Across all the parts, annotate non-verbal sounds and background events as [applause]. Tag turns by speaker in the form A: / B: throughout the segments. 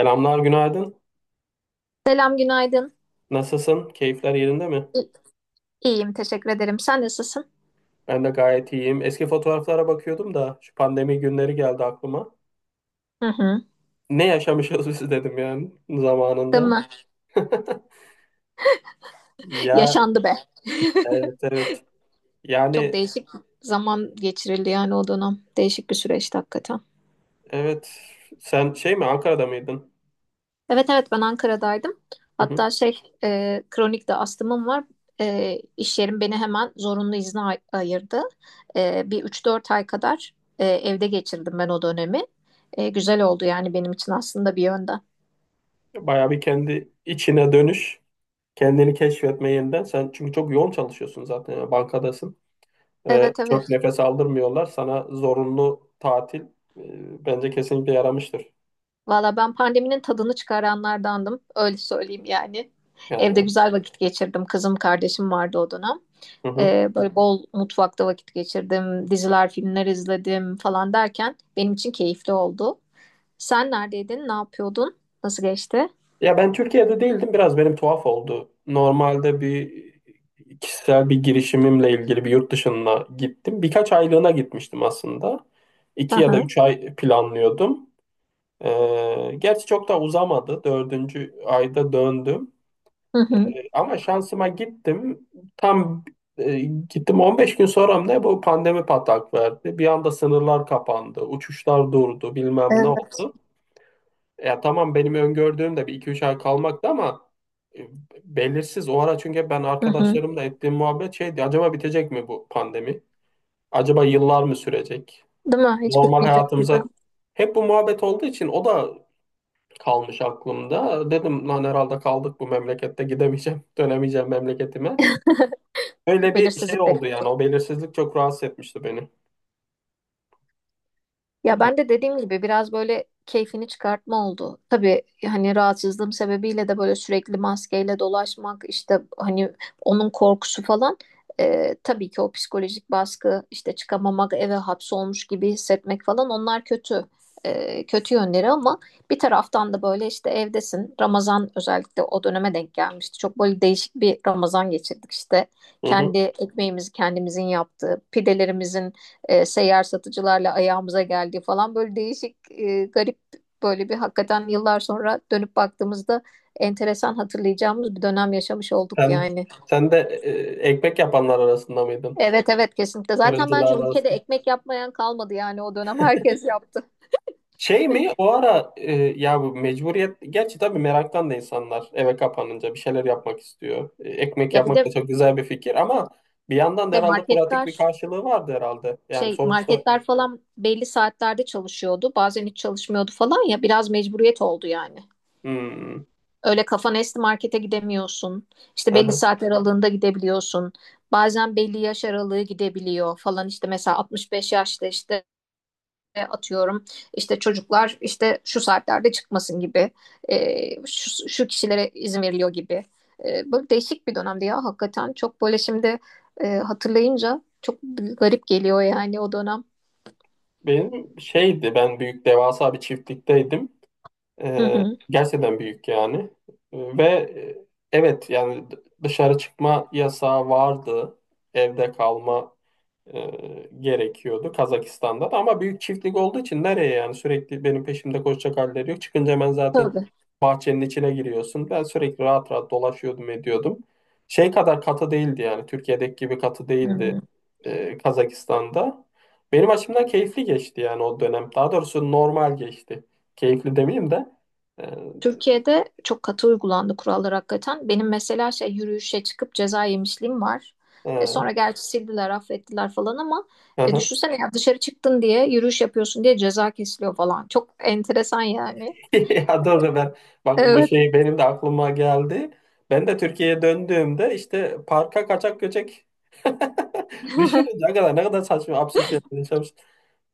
A: Selamlar, günaydın.
B: Selam, günaydın.
A: Nasılsın? Keyifler yerinde mi?
B: İ- İyiyim, teşekkür ederim. Sen nasılsın?
A: Ben de gayet iyiyim. Eski fotoğraflara bakıyordum da şu pandemi günleri geldi aklıma.
B: Hı hı.
A: Ne yaşamışız [laughs] biz dedim yani
B: Değil
A: zamanında.
B: mi?
A: [laughs] Ya
B: Yaşandı be.
A: evet evet.
B: Çok
A: Yani
B: değişik zaman geçirildi yani o dönem. Değişik bir süreçti hakikaten.
A: evet sen şey mi Ankara'da mıydın?
B: Evet evet, ben Ankara'daydım.
A: Hı hı.
B: Hatta kronik de astımım var. İş yerim beni hemen zorunlu izne ayırdı. Bir üç dört ay kadar evde geçirdim ben o dönemi. Güzel oldu yani benim için aslında bir yönden.
A: Bayağı bir kendi içine dönüş, kendini keşfetme yeniden. Sen çünkü çok yoğun çalışıyorsun zaten yani bankadasın ve
B: Evet
A: çok
B: evet.
A: nefes aldırmıyorlar. Sana zorunlu tatil bence kesinlikle yaramıştır.
B: Valla ben pandeminin tadını çıkaranlardandım. Öyle söyleyeyim yani. Evde
A: Yani.
B: güzel vakit geçirdim. Kızım kardeşim vardı o dönem.
A: Hı hı.
B: Böyle bol mutfakta vakit geçirdim. Diziler, filmler izledim falan derken benim için keyifli oldu. Sen neredeydin? Ne yapıyordun? Nasıl geçti?
A: Ya ben Türkiye'de değildim. Biraz benim tuhaf oldu. Normalde bir kişisel bir girişimimle ilgili bir yurt dışına gittim. Birkaç aylığına gitmiştim aslında. İki ya da
B: Aha.
A: üç ay planlıyordum. Gerçi çok da uzamadı. Dördüncü ayda döndüm.
B: Hı hı.
A: Ama şansıma gittim. Tam e, gittim 15 gün sonra mı ne bu pandemi patlak verdi. Bir anda sınırlar kapandı. Uçuşlar durdu. Bilmem ne
B: Evet.
A: oldu. Ya tamam benim öngördüğüm de bir iki üç ay kalmaktı ama e, belirsiz o ara çünkü ben
B: Hı hı.
A: arkadaşlarımla ettiğim muhabbet şeydi, acaba bitecek mi bu pandemi? Acaba yıllar mı sürecek?
B: Değil mi? Hiç
A: Normal
B: bitmeyecek gibi.
A: hayatımıza hep bu muhabbet olduğu için o da kalmış aklımda. Dedim lan herhalde kaldık bu memlekette, gidemeyeceğim, [laughs] dönemeyeceğim memleketime.
B: [laughs]
A: Öyle bir şey
B: Belirsizlik de
A: oldu yani, o
B: kötü.
A: belirsizlik çok rahatsız etmişti beni.
B: Ya
A: Ha.
B: ben de dediğim gibi biraz böyle keyfini çıkartma oldu. Tabii hani rahatsızlığım sebebiyle de böyle sürekli maskeyle dolaşmak işte hani onun korkusu falan, tabii ki o psikolojik baskı işte çıkamamak eve hapsolmuş gibi hissetmek falan onlar kötü, kötü yönleri, ama bir taraftan da böyle işte evdesin, Ramazan özellikle o döneme denk gelmişti. Çok böyle değişik bir Ramazan geçirdik işte
A: Hı hı.
B: kendi ekmeğimizi kendimizin yaptığı pidelerimizin seyyar satıcılarla ayağımıza geldi falan, böyle değişik, garip, böyle bir, hakikaten yıllar sonra dönüp baktığımızda enteresan hatırlayacağımız bir dönem yaşamış olduk
A: Sen
B: yani.
A: sen de e, ekmek yapanlar arasında mıydın?
B: Evet evet, kesinlikle. Zaten bence
A: Fırıncılar
B: ülkede
A: arasında.
B: ekmek yapmayan kalmadı yani o dönem, herkes yaptı.
A: Şey mi o ara ya bu mecburiyet, gerçi tabii meraktan da insanlar eve kapanınca bir şeyler yapmak istiyor. E, ekmek
B: Ya bir
A: yapmak da
B: de
A: çok güzel bir fikir ama bir yandan da
B: işte
A: herhalde pratik bir
B: marketler,
A: karşılığı vardı herhalde. Yani sonuçta.
B: marketler falan belli saatlerde çalışıyordu. Bazen hiç çalışmıyordu falan, ya biraz mecburiyet oldu yani.
A: Hmm.
B: Öyle kafan esti markete gidemiyorsun. İşte belli
A: Aha.
B: saat aralığında gidebiliyorsun. Bazen belli yaş aralığı gidebiliyor falan, işte mesela 65 yaşta, işte atıyorum, işte çocuklar işte şu saatlerde çıkmasın gibi, şu kişilere izin veriliyor gibi. Böyle değişik bir dönemdi ya, hakikaten çok böyle şimdi hatırlayınca çok garip geliyor yani o dönem.
A: Benim, ben büyük devasa bir çiftlikteydim.
B: Hı
A: E,
B: hı.
A: gerçekten büyük yani. E, ve e, evet yani dışarı çıkma yasağı vardı. Evde kalma gerekiyordu Kazakistan'da da, ama büyük çiftlik olduğu için nereye yani, sürekli benim peşimde koşacak halleri yok. Çıkınca hemen zaten
B: Tabii.
A: bahçenin içine giriyorsun. Ben sürekli rahat rahat dolaşıyordum, ediyordum. Şey kadar katı değildi yani, Türkiye'deki gibi katı
B: Hı
A: değildi
B: hı.
A: Kazakistan'da. Benim açımdan keyifli geçti yani o dönem. Daha doğrusu normal geçti. Keyifli demeyeyim de. E,
B: Türkiye'de çok katı uygulandı kurallar hakikaten. Benim mesela şey, yürüyüşe çıkıp ceza yemişliğim var.
A: e,
B: Sonra gerçi sildiler, affettiler falan ama
A: hı hı.
B: düşünsene ya, dışarı çıktın diye, yürüyüş yapıyorsun diye ceza kesiliyor falan. Çok enteresan yani.
A: [laughs] Ya doğru, ben bak bu
B: Evet.
A: şey benim de aklıma geldi. Ben de Türkiye'ye döndüğümde işte parka kaçak göçek [laughs] düşününce ne kadar ne kadar saçma absürt şeyler yaşamış.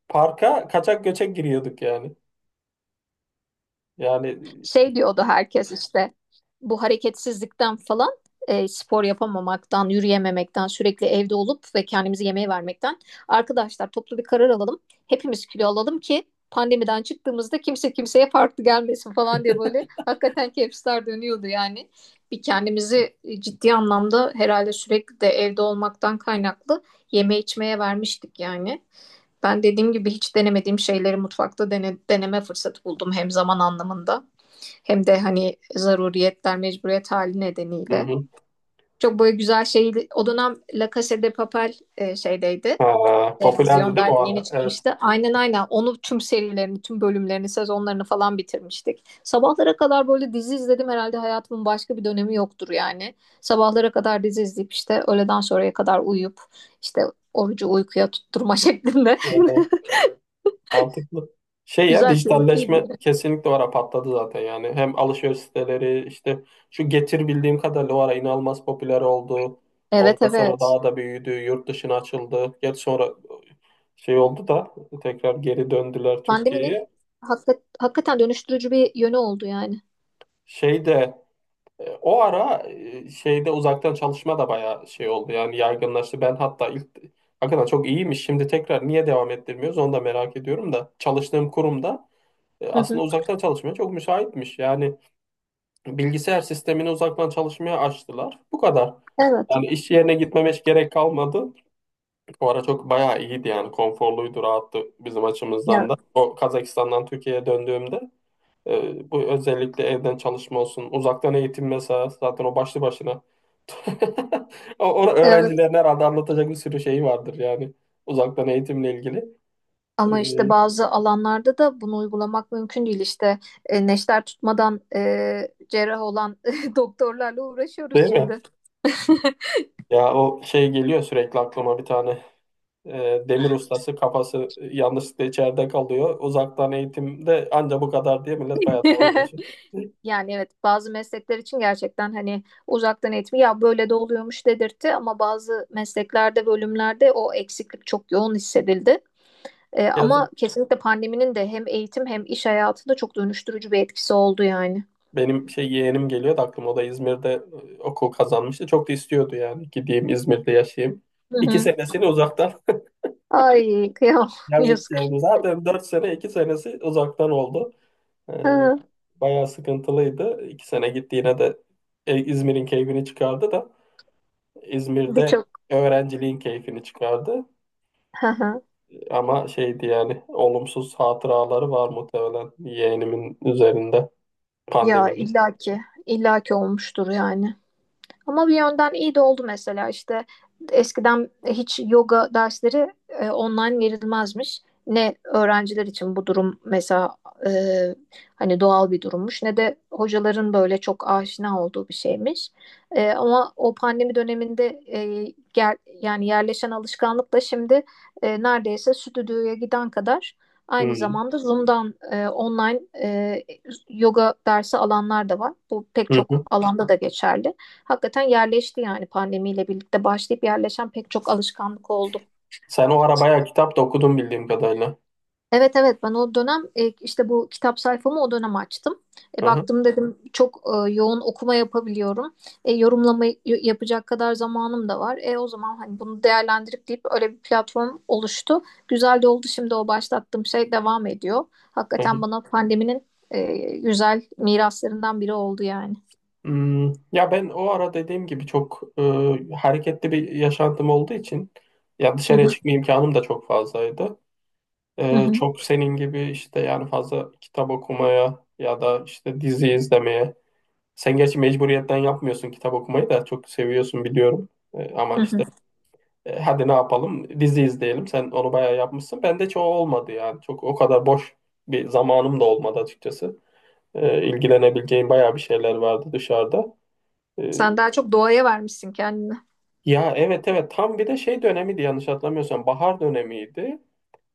A: Parka kaçak göçek giriyorduk yani. Yani.
B: Şey diyordu herkes işte, bu hareketsizlikten falan, spor yapamamaktan, yürüyememekten, sürekli evde olup ve kendimizi yemeğe vermekten, arkadaşlar toplu bir karar alalım. Hepimiz kilo alalım ki pandemiden çıktığımızda kimse kimseye farklı gelmesin falan diye, böyle hakikaten kepsler dönüyordu yani. Bir kendimizi ciddi anlamda herhalde sürekli de evde olmaktan kaynaklı yeme içmeye vermiştik yani. Ben dediğim gibi hiç denemediğim şeyleri mutfakta deneme fırsatı buldum, hem zaman anlamında hem de hani zaruriyetler, mecburiyet hali
A: Hı
B: nedeniyle.
A: hı.
B: Çok böyle güzel şey. O dönem La Casa de Papel şeydeydi.
A: Ha, popülerdi değil mi
B: Televizyonda
A: o
B: yeni
A: ara? Evet.
B: çıkmıştı. Aynen aynen. Onu tüm serilerini, tüm bölümlerini, sezonlarını falan bitirmiştik. Sabahlara kadar böyle dizi izledim, herhalde hayatımın başka bir dönemi yoktur yani. Sabahlara kadar dizi izleyip işte öğleden sonraya kadar uyuyup işte orucu uykuya tutturma [laughs] şeklinde.
A: Evet, evet.
B: [laughs]
A: Mantıklı. Şey, ya
B: Güzel,
A: dijitalleşme
B: keyifliydi.
A: kesinlikle o ara patladı zaten yani. Hem alışveriş siteleri, işte şu Getir bildiğim kadarıyla o ara inanılmaz popüler oldu.
B: Evet
A: Ondan sonra
B: evet.
A: daha da büyüdü, yurt dışına açıldı. Gerçi sonra şey oldu da tekrar geri döndüler
B: Pandeminin
A: Türkiye'ye.
B: hakikaten dönüştürücü bir yönü oldu yani.
A: Şeyde, o ara şeyde uzaktan çalışma da bayağı şey oldu yani, yaygınlaştı. Ben hatta ilk hakikaten çok iyiymiş. Şimdi tekrar niye devam ettirmiyoruz onu da merak ediyorum da, çalıştığım kurumda
B: Hı hı.
A: aslında uzaktan çalışmaya çok müsaitmiş. Yani bilgisayar sistemini uzaktan çalışmaya açtılar. Bu kadar.
B: Evet.
A: Yani iş yerine gitmeme hiç gerek kalmadı. O ara çok bayağı iyiydi yani, konforluydu, rahattı bizim
B: Ya,
A: açımızdan da. O Kazakistan'dan Türkiye'ye döndüğümde. Bu özellikle evden çalışma olsun, uzaktan eğitim mesela zaten o başlı başına. [laughs] O
B: evet.
A: öğrencilerin herhalde anlatacak bir sürü şeyi vardır yani uzaktan eğitimle ilgili. Ee,
B: Ama işte bazı alanlarda da bunu uygulamak mümkün değil. İşte neşter tutmadan cerrah olan [laughs] doktorlarla uğraşıyoruz
A: Değil mi?
B: şimdi.
A: Ya o şey geliyor sürekli aklıma, bir tane demir ustası kafası yanlışlıkla içeride kalıyor. Uzaktan eğitimde anca bu kadar diye millet bayağı dalga geçiyor.
B: [laughs] Yani evet, bazı meslekler için gerçekten hani uzaktan eğitim ya böyle de oluyormuş dedirtti, ama bazı mesleklerde, bölümlerde o eksiklik çok yoğun hissedildi. Ama
A: Yazık.
B: kesinlikle pandeminin de hem eğitim hem iş hayatında çok dönüştürücü bir etkisi oldu yani.
A: Benim şey yeğenim geliyor da aklıma, o da İzmir'de okul kazanmıştı. Çok da istiyordu yani, gideyim İzmir'de yaşayayım.
B: Hı
A: İki
B: hı.
A: senesini uzaktan.
B: Ay kıyamam [laughs] yazık.
A: Yazdıklarımız zaten 4 sene, 2 senesi uzaktan oldu. Ee,
B: Ha,
A: Bayağı sıkıntılıydı. iki sene gitti yine de İzmir'in keyfini çıkardı da, İzmir'de
B: Birçok.
A: öğrenciliğin keyfini çıkardı.
B: Hı hı.
A: Ama şeydi yani, olumsuz hatıraları var muhtemelen yeğenimin üzerinde
B: Ya
A: pandeminin.
B: illaki illaki olmuştur yani. Ama bir yönden iyi de oldu, mesela işte eskiden hiç yoga dersleri online verilmezmiş. Ne öğrenciler için bu durum mesela e, hani doğal bir durummuş, ne de hocaların böyle çok aşina olduğu bir şeymiş. Ama o pandemi döneminde, yani yerleşen alışkanlıkla şimdi neredeyse stüdyoya giden kadar aynı
A: Hmm.
B: zamanda Zoom'dan online yoga dersi alanlar da var. Bu pek
A: Hı
B: çok
A: hı.
B: alanda da geçerli. Hakikaten yerleşti yani, pandemiyle birlikte başlayıp yerleşen pek çok alışkanlık oldu.
A: Sen o ara bayağı kitap da okudun bildiğim kadarıyla.
B: Evet evet, ben o dönem işte bu kitap sayfamı o dönem açtım.
A: Hı
B: Baktım dedim çok yoğun okuma yapabiliyorum. Yorumlama yapacak kadar zamanım da var. O zaman hani bunu değerlendirip deyip öyle bir platform oluştu. Güzel de oldu, şimdi o başlattığım şey devam ediyor.
A: hı.
B: Hakikaten bana pandeminin güzel miraslarından biri oldu yani.
A: Hmm, ya ben o ara dediğim gibi çok hareketli bir yaşantım olduğu için ya
B: Hı
A: dışarıya
B: hı.
A: çıkma imkanım da çok fazlaydı.
B: Hı
A: E,
B: hı,
A: çok senin gibi işte yani, fazla kitap okumaya ya da işte dizi izlemeye. Sen gerçi mecburiyetten yapmıyorsun, kitap okumayı da çok seviyorsun biliyorum. E, ama
B: hı hı.
A: işte hadi ne yapalım dizi izleyelim. Sen onu bayağı yapmışsın. Bende çoğu olmadı yani. Çok o kadar boş bir zamanım da olmadı açıkçası. E, ilgilenebileceğim bayağı bir şeyler vardı dışarıda. E.
B: Sen daha çok doğaya vermişsin kendini.
A: Ya evet evet, tam bir de şey dönemiydi, yanlış hatırlamıyorsam bahar dönemiydi.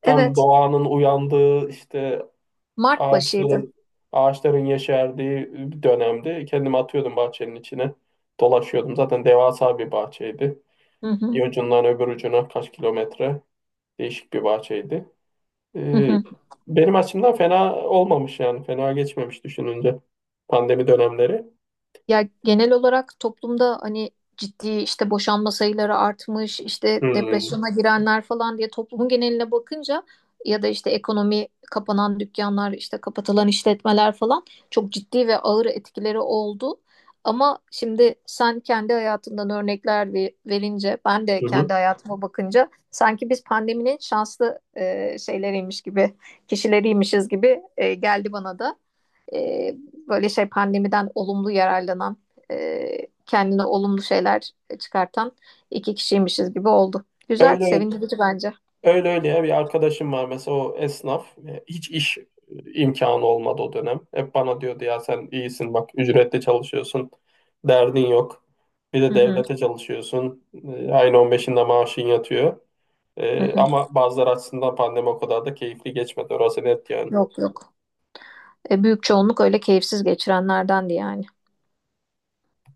A: Tam
B: Evet,
A: doğanın uyandığı işte,
B: Mart başıydı.
A: ağaçların ağaçların yeşerdiği bir dönemdi. Kendimi atıyordum bahçenin içine. Dolaşıyordum. Zaten devasa bir bahçeydi.
B: Hı hı,
A: Bir ucundan öbür ucuna kaç kilometre, değişik bir bahçeydi.
B: hı
A: Ee,
B: hı.
A: Benim açımdan fena olmamış yani. Fena geçmemiş düşününce pandemi dönemleri.
B: Ya genel olarak toplumda hani ciddi işte boşanma sayıları artmış, işte
A: Hmm.
B: depresyona girenler falan diye toplumun geneline bakınca, ya da işte ekonomi, kapanan dükkanlar, işte kapatılan işletmeler falan çok ciddi ve ağır etkileri oldu. Ama şimdi sen kendi hayatından örnekler verince, ben de
A: Hı hı.
B: kendi hayatıma bakınca sanki biz pandeminin şanslı, şeyleriymiş gibi, kişileriymişiz gibi geldi bana da, e, böyle şey pandemiden olumlu yararlanan, kendine olumlu şeyler çıkartan iki kişiymişiz gibi oldu. Güzel,
A: Öyle
B: sevindirici bence.
A: Öyle, öyle, ya bir arkadaşım var mesela, o esnaf. E, hiç iş imkanı olmadı o dönem. Hep bana diyordu, ya sen iyisin bak, ücretle çalışıyorsun, derdin yok. Bir de
B: Hı hı,
A: devlete çalışıyorsun. E, ayın 15'inde maaşın yatıyor.
B: hı
A: E,
B: hı.
A: ama bazıları açısından pandemi o kadar da keyifli geçmedi, orası net yani.
B: Yok yok. Büyük çoğunluk öyle keyifsiz geçirenlerdendi yani.